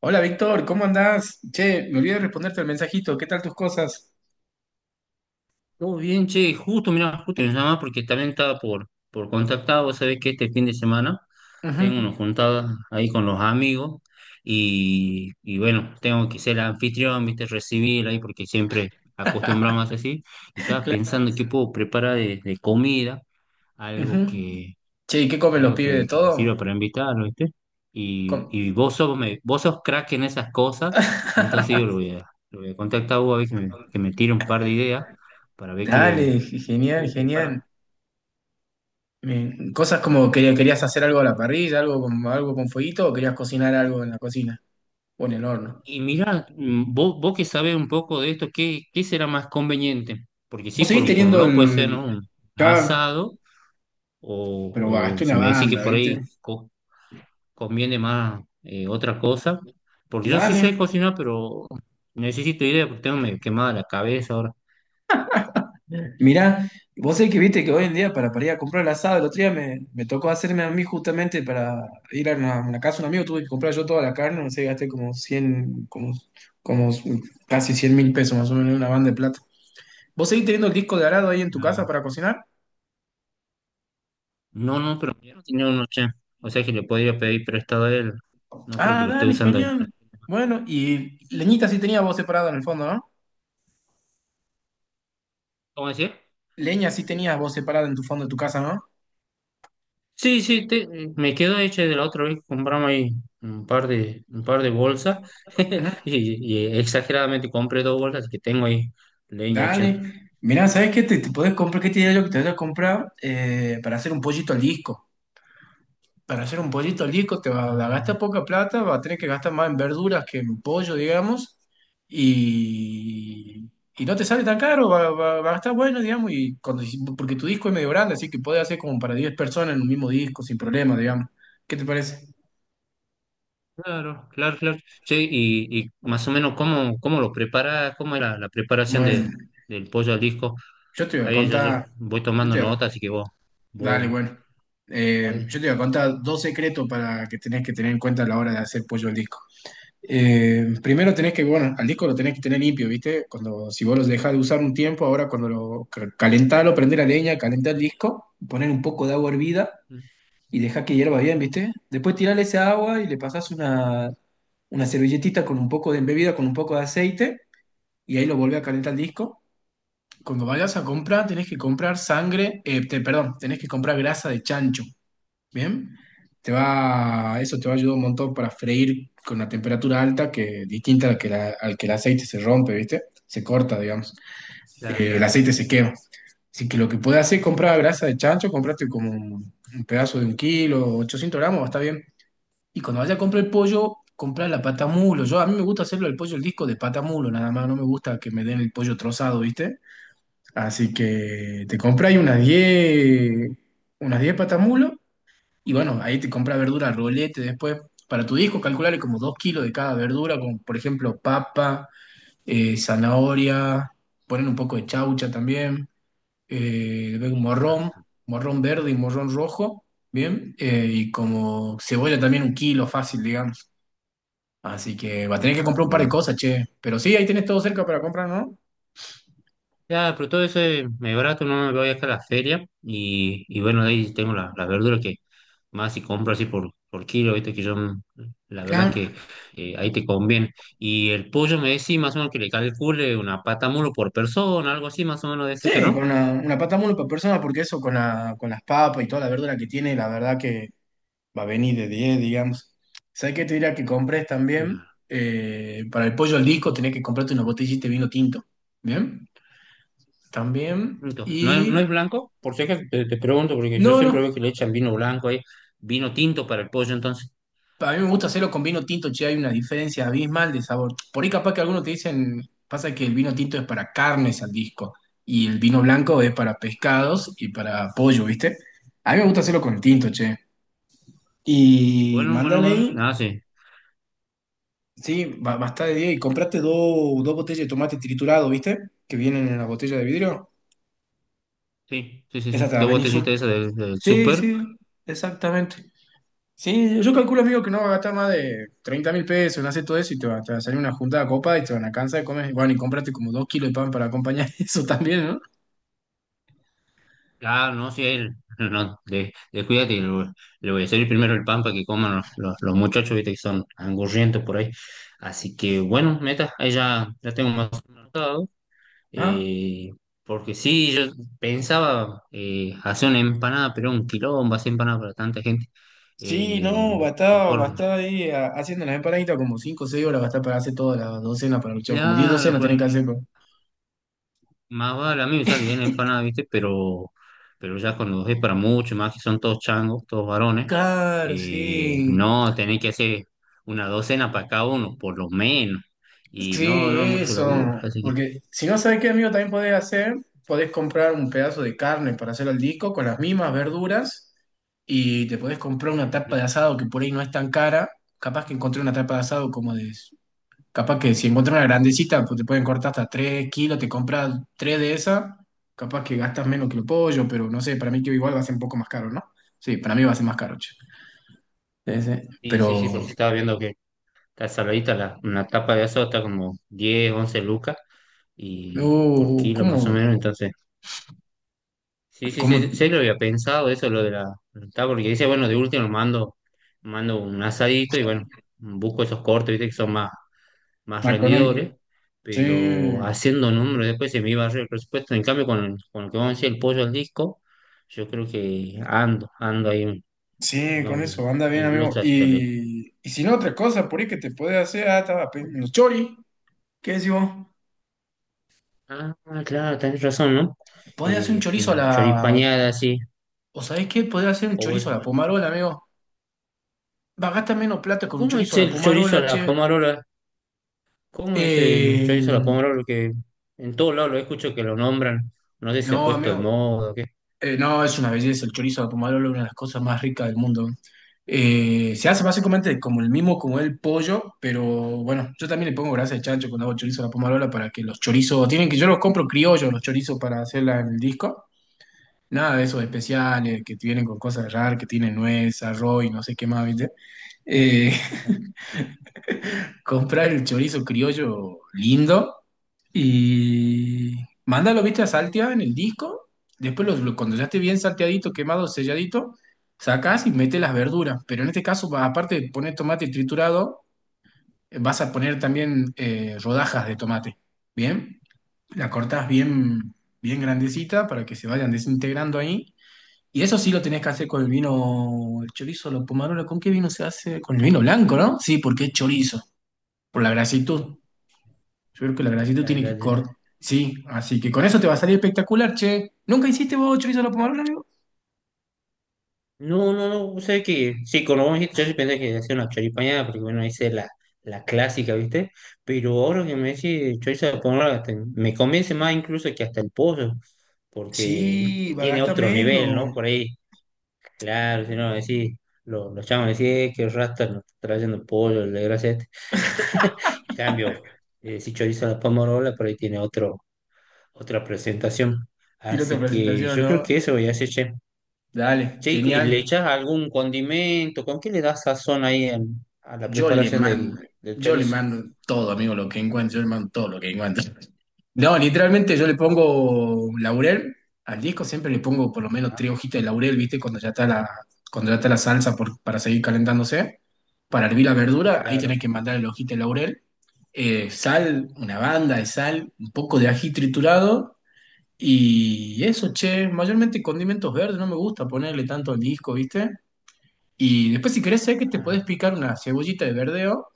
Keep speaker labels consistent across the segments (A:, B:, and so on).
A: Hola Víctor, ¿cómo andás? Che, me olvidé de responderte el mensajito, ¿qué tal tus cosas?
B: Todo bien, che, justo, mirá, justo me llama porque también estaba por contactar. Vos sabés que este fin de semana
A: Ujú,
B: tengo unos juntadas ahí con los amigos y bueno, tengo que ser el anfitrión, viste, recibir ahí porque siempre acostumbramos así. Y estaba pensando qué puedo preparar de comida, algo
A: ujú. Che, ¿y qué comen los
B: algo
A: pibes de
B: que me sirva
A: todo?
B: para invitar, ¿viste? Y,
A: Com-
B: y vos sos crack en esas cosas, entonces yo lo voy a contactar a vos a ver que me tire un par de ideas para ver
A: Dale,
B: qué, qué
A: genial,
B: puedo
A: genial.
B: preparar.
A: Cosas como que querías hacer algo a la parrilla, algo con fueguito, o querías cocinar algo en la cocina o en el horno.
B: Y mira, vos que sabés un poco de esto, ¿qué será más conveniente? Porque sí,
A: Vos
B: por,
A: seguís
B: un- por un
A: teniendo
B: lado puede ser,
A: el...
B: ¿no? Un
A: Ya,
B: asado, o,
A: pero
B: o
A: gasté
B: si
A: una
B: me decís que
A: banda,
B: por
A: ¿viste?
B: ahí conviene más otra cosa, porque yo sí sé
A: Dale.
B: cocinar, pero necesito ideas porque tengo medio quemada la cabeza ahora.
A: Mirá, vos sabés que viste que hoy en día para ir a comprar el asado, el otro día me tocó hacerme a mí justamente para ir a una casa de un amigo, tuve que comprar yo toda la carne, no sé, gasté como casi 100.000 pesos más o menos una banda de plata. ¿Vos seguís teniendo el disco de arado ahí en tu casa
B: Ah.
A: para cocinar?
B: No, no, pero yo no tenía uno ya. O sea que le podría pedir prestado a él. No creo que
A: Ah,
B: lo esté
A: dale,
B: usando.
A: genial. Bueno, y leñita sí tenías vos separada en el fondo, ¿no?
B: ¿Cómo decía?
A: Leña sí tenías vos separada en tu fondo de tu casa, ¿no?
B: Sí, sí, me quedo hecho de la otra vez que compramos ahí un par de, bolsas.
A: Ujú.
B: Y exageradamente compré dos bolsas que tengo ahí leña, che.
A: Dale. Mirá, ¿sabés qué te podés comprar? ¿Qué te diría yo que te voy a comprar para hacer un pollito al disco? Para hacer un pollito al disco te va a gastar
B: Ah,
A: poca plata, va a tener que gastar más en verduras que en pollo, digamos, y, y no te sale tan caro, va a estar bueno, digamos, porque tu disco es medio grande, así que puedes hacer como para 10 personas en un mismo disco sin problema, digamos. ¿Qué te parece?
B: claro, claro, claro. Che, y más o menos cómo, lo prepara, cómo es la preparación
A: Bueno,
B: del pollo al disco.
A: yo te voy a
B: Ahí yo,
A: contar,
B: voy
A: yo
B: tomando
A: te voy
B: nota,
A: a-
B: así que
A: dale,
B: vos,
A: bueno. Eh,
B: vos
A: yo te voy a contar dos secretos para que tenés que tener en cuenta a la hora de hacer pollo al disco. Primero tenés que, bueno, al disco lo tenés que tener limpio, ¿viste? Cuando, si vos los dejás de usar un tiempo, ahora cuando calentalo, prendés la leña, calentá el disco, poner un poco de agua hervida
B: mm,
A: y dejá que hierva bien, ¿viste? Después tirale esa agua y le pasás una servilletita con un poco de embebida, con un poco de aceite, y ahí lo volvés a calentar el disco. Cuando vayas a comprar, tenés que comprar sangre, perdón, tenés que comprar grasa de chancho. Bien, eso te va a ayudar un montón para freír con una temperatura alta que distinta a la que al que el aceite se rompe, ¿viste? Se corta, digamos.
B: claro.
A: El aceite se quema. Así que lo que puedes hacer es comprar grasa de chancho, comprate como un pedazo de 1 kilo, 800 gramos, está bien. Y cuando vayas a comprar el pollo, comprar la pata mulo. Yo a mí me gusta hacerlo el pollo, el disco de pata mulo, nada más, no me gusta que me den el pollo trozado, ¿viste? Así que te compras unas 10 patamulos y bueno, ahí te compra verdura rolete después. Para tu disco, calcularle como 2 kilos de cada verdura, como por ejemplo papa, zanahoria, poner un poco de chaucha también, luego morrón verde y morrón rojo, ¿bien? Y como cebolla también 1 kilo fácil, digamos. Así que va a tener que
B: No,
A: comprar un par de
B: gracias.
A: cosas, che. Pero sí, ahí tenés todo cerca para comprar, ¿no?
B: Ya, pero todo eso es medio barato, no me voy acá a la feria y bueno, de ahí tengo la verdura que más si compro así por kilo, viste que yo, la verdad
A: Claro.
B: que ahí te conviene. Y el pollo me decís más o menos que le calcule una pata mulo por persona, algo así más o menos de ese que
A: Sí, con
B: no.
A: una pata mole por persona, porque eso con las papas y toda la verdura que tiene, la verdad que va a venir de 10 digamos. ¿Sabes qué te diría que compres también?
B: Ya.
A: Para el pollo al disco tenés que comprarte una botellita de vino tinto. ¿Bien? También.
B: Punto. No,
A: Y...
B: no es blanco, por si acaso te pregunto, porque yo
A: No,
B: siempre
A: no.
B: veo que le echan vino blanco ahí, vino tinto para el pollo, entonces.
A: A mí me gusta hacerlo con vino tinto, che, hay una diferencia abismal de sabor. Por ahí capaz que algunos te dicen, pasa que el vino tinto es para carnes al disco y el vino blanco es para pescados y para pollo, ¿viste? A mí me gusta hacerlo con tinto, che. Y
B: Bueno, bueno,
A: mándale
B: bueno,
A: ahí.
B: ah, sí,
A: Sí, bastá de 10 y compraste dos botellas de tomate triturado, ¿viste? Que vienen en la botella de vidrio.
B: sí, sí, sí,
A: Esa
B: sí.
A: te la
B: Dos
A: venís sub-
B: botellitas esas del
A: Sí,
B: súper.
A: sí, exactamente. Sí, yo calculo, amigo, que no va a gastar más de 30.000 pesos en hacer todo eso y te va a salir una juntada copa y te van a cansar de comer. Bueno, y compraste como 2 kilos de pan para acompañar eso también, ¿no?
B: Ah, no, sí, él, no, descuídate, y le voy a servir primero el pan para que coman los muchachos, viste, que son angurrientos por ahí. Así que, bueno, meta, ahí ya, tengo más anotado,
A: Ah.
B: eh, porque sí, yo pensaba hacer una empanada, pero un quilombo hacer empanada para tanta gente.
A: Sí,
B: Eh,
A: no, va a estar, va a
B: Mejor,
A: estar ahí haciendo las empanaditas como cinco o 6 horas, va a estar para hacer todas las docenas para el luchar, como 10
B: claro,
A: docenas
B: pues,
A: tenés que hacer.
B: más vale, a mí me sale bien la empanada, ¿viste? Pero ya cuando es para mucho, más que son todos changos, todos varones,
A: Claro, sí.
B: no, tenés que hacer una docena para cada uno, por lo menos. Y
A: Sí,
B: no, no es mucho laburo,
A: eso.
B: así que...
A: Porque si no sabes qué, amigo, también podés comprar un pedazo de carne para hacer al disco con las mismas verduras y te podés comprar una
B: Ujú.
A: tapa de asado que por ahí no es tan cara. Capaz que encontré una tapa de asado como de... Capaz que si encontré una grandecita, pues te pueden cortar hasta 3 kilos, te compras 3 de esas capaz que gastas menos que el pollo, pero no sé, para mí que igual va a ser un poco más caro, ¿no? Sí, para mí va a ser más caro, che. Sí, sí.
B: Sí, sí,
A: Pero...
B: sí,
A: Sí,
B: porque
A: sí,
B: estaba viendo que está saladita una tapa de asado, está como 10 11 lucas
A: sí.
B: y por
A: Uh,
B: kilo más o
A: ¿cómo?
B: menos, entonces... Sí, sí,
A: ¿Cómo?
B: sí, sí lo había pensado eso, lo de la está porque dice, bueno, de último mando, un asadito y bueno, busco esos cortes, viste, que son más rendidores,
A: McConaughey. Sí.
B: pero haciendo números después se me iba a el presupuesto. En cambio, con lo que vamos a decir, el pollo al disco, yo creo que ando ahí,
A: Sí, con
B: no,
A: eso, anda bien, amigo.
B: incluso hasta le...
A: Y si no, otra cosa, por ahí que te puede hacer, estaba pensando, chori, ¿qué decimos?
B: Ah, claro, tenés razón, ¿no?
A: Podés hacer un chorizo a
B: Una
A: la.
B: choripañada así,
A: ¿O sabés qué? Podés hacer un
B: o
A: chorizo a la
B: bueno,
A: pomarola, amigo. Va, gasta menos plata con un
B: ¿cómo
A: chorizo
B: es
A: a la
B: el chorizo a
A: pomarola,
B: la
A: che.
B: pomarola? ¿Cómo es el
A: Eh,
B: chorizo a la pomodoro? Porque en todos lados lo escucho que lo nombran. No sé si se ha
A: No,
B: puesto de
A: amigo.
B: moda o qué.
A: No, es una belleza. El chorizo de Pomarolo es una de las cosas más ricas del mundo. Se hace básicamente como el mismo, como el pollo, pero bueno, yo también le pongo grasa de chancho cuando hago chorizo a la pomarola para que los chorizos, tienen que, yo los compro criollos, los chorizos para hacerla en el disco. Nada de esos especiales que vienen con cosas raras, que tienen nuez, arroz y no sé qué más, ¿viste? Eh, comprar el chorizo criollo lindo y mándalo, viste, a saltear en el disco. Después, cuando ya esté bien salteadito, quemado, selladito, sacás y metes las verduras. Pero en este caso, aparte de poner tomate triturado, vas a poner también rodajas de tomate. ¿Bien? La cortás bien, bien grandecita para que se vayan desintegrando ahí. Y eso sí lo tenés que hacer con el vino, el chorizo, la pomarola. ¿Con qué vino se hace? Con el vino blanco, ¿no? Sí, porque es chorizo, por la grasitud. Yo creo que la grasitud
B: La-
A: tiene
B: la-
A: que
B: la-
A: cortar. Sí, así que con eso te va a salir espectacular, che. ¿Nunca hiciste vos chorizo a la pomarrola, amigo?
B: No, no, no. O sea que, sí, cuando vos me dijiste, yo sí pensé que hacía una choripañada, porque bueno, hice la clásica, ¿viste? Pero ahora que me decís chorizo a la pomodoro, hasta me convence más incluso que hasta el pollo,
A: Sí,
B: porque
A: va a
B: tiene
A: gastar
B: otro nivel, ¿no? Por
A: menos.
B: ahí, claro, si no, decís, los chavos decís, qué rasta nos está trayendo pollo, la gracia". En cambio, si chorizo a la pomarola, por ahí tiene otra presentación.
A: Tiro otra
B: Así que
A: presentación,
B: yo creo
A: ¿no?
B: que eso voy a hacer, che.
A: Dale,
B: Che, ¿y
A: genial.
B: le echas algún condimento? ¿Con qué le das sazón ahí a la
A: Yo le
B: preparación del,
A: mando,
B: del
A: yo le
B: chorizo?
A: mando todo, amigo, lo que encuentro, yo le mando todo lo que encuentro. No, literalmente yo le pongo laurel al disco, siempre le pongo por lo menos tres
B: Ah,
A: hojitas de laurel, ¿viste? Cuando ya está la salsa para seguir calentándose. Para hervir la verdura, ahí tenés
B: claro.
A: que mandar la hojita de laurel, sal, una banda de sal, un poco de ají triturado y eso, che, mayormente condimentos verdes, no me gusta ponerle tanto al disco, ¿viste? Y después si querés sé que te
B: Ah,
A: podés picar una cebollita de verdeo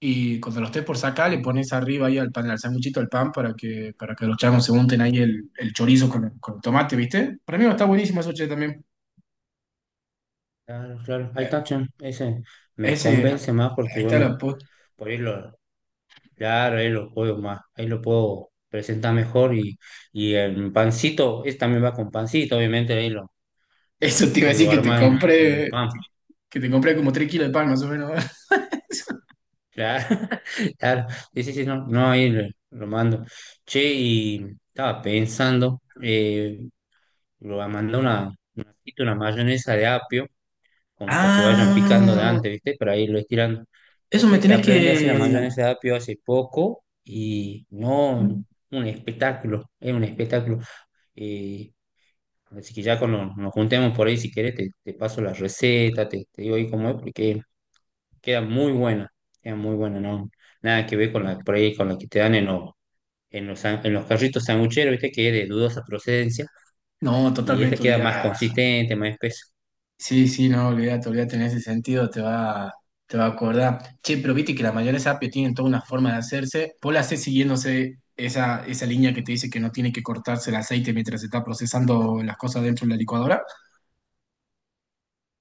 A: y cuando lo estés por sacar, le
B: ah,
A: pones arriba ahí al pan, al sanguchito, al pan, para que los changos se unten ahí el chorizo con el tomate, ¿viste? Para mí está buenísimo eso, che, también.
B: claro, claro. Ahí
A: Eh,
B: está, che. Ese me
A: Ese, ahí
B: convence más porque,
A: está
B: bueno,
A: la post.
B: por ahí lo, claro, ahí lo puedo presentar mejor y el pancito, este también va con pancito, obviamente, ahí lo,
A: Eso
B: lo,
A: te iba a decir
B: lo armas en, un pan.
A: que te compré como 3 kilos de pan, más o menos.
B: Claro, claro. Sí, sí, sí, no, no, ahí lo, mando. Che, y estaba pensando, lo va a mandar una mayonesa de apio, como para que vayan picando de
A: Ah,
B: antes, ¿viste? Para irlo estirando. Vos
A: eso me
B: sabés que
A: tenés
B: aprendí a hacer la
A: que...
B: mayonesa de apio hace poco y no, un espectáculo, es un espectáculo. Eh, Así que ya cuando nos juntemos por ahí, si querés, te paso la receta, te digo ahí cómo es, porque queda muy buena, queda muy buena, ¿no? Nada que ver con la, por ahí, con la que te dan en los, en los carritos sangucheros, ¿viste? Que es de dudosa procedencia,
A: No,
B: y esta
A: totalmente
B: queda más
A: olvidado.
B: consistente, más espesa.
A: Sí, sí, no, olvídate, olvídate en ese sentido, te va a acordar. Che, pero viste que las mayores API tienen toda una forma de hacerse. Vos la hacés siguiéndose esa línea que te dice que no tiene que cortarse el aceite mientras se está procesando las cosas dentro de la licuadora.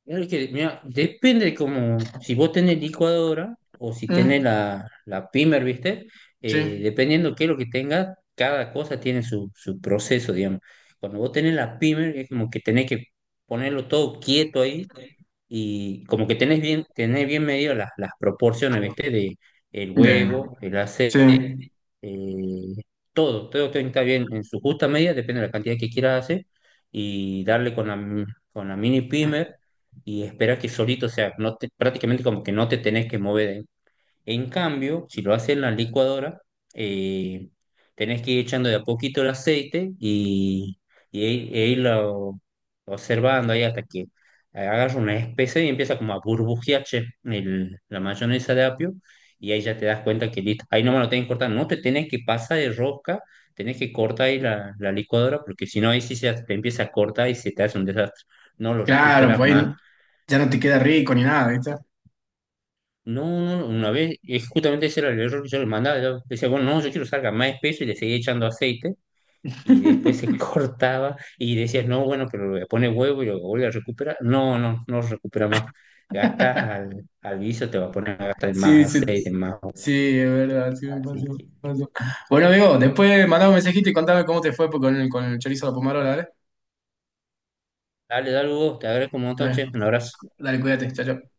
B: Claro que, mira, depende de cómo, si vos tenés licuadora o si tenés
A: Mm,
B: la pimer, ¿viste?
A: sí.
B: Dependiendo qué es lo que tengas, cada cosa tiene su proceso, digamos. Cuando vos tenés la pimer, es como que tenés que ponerlo todo quieto ahí y como que tenés bien, medido las proporciones, ¿viste? De el
A: De-
B: huevo, el aceite,
A: sí.
B: eh, todo tiene que estar bien en su justa medida, depende de la cantidad que quieras hacer, y darle con la mini primer y esperar que solito, o sea, no te- prácticamente como que no te tenés que mover. En cambio, si lo haces en la licuadora, eh, tenés que ir echando de a poquito el aceite y, e irlo observando ahí hasta que hagas una especie y empieza como a burbujear che, la mayonesa de apio y ahí ya te das cuenta que listo, ahí nomás lo tenés que cortar, no te tenés que pasar de rosca, tenés que cortar ahí la licuadora porque si no ahí sí se te empieza a cortar y se te hace un desastre, no lo
A: Claro,
B: recuperas
A: pues ahí
B: más.
A: ya no te queda rico ni nada, ¿viste?
B: No, no, no, una vez, es justamente ese era el error que yo le mandaba. Yo decía, bueno, no, yo quiero que salga más espeso y le seguía echando aceite y después se cortaba y decías, no, bueno, pero le voy a poner huevo y lo vuelve a recuperar. No, no, no recupera más. Gastas al guiso, te va a poner a gastar en más
A: Sí, sí,
B: aceite, en más huevo.
A: sí, es verdad, sí me pasó,
B: Así
A: me
B: que,
A: pasó. Bueno, amigo, después mandame un mensajito y contame cómo te fue con el, chorizo de la pomarola,
B: dale, dale, Hugo, te agradezco un montón,
A: ¿vale?
B: che, un abrazo.
A: Dale, cuídate, chao, chao.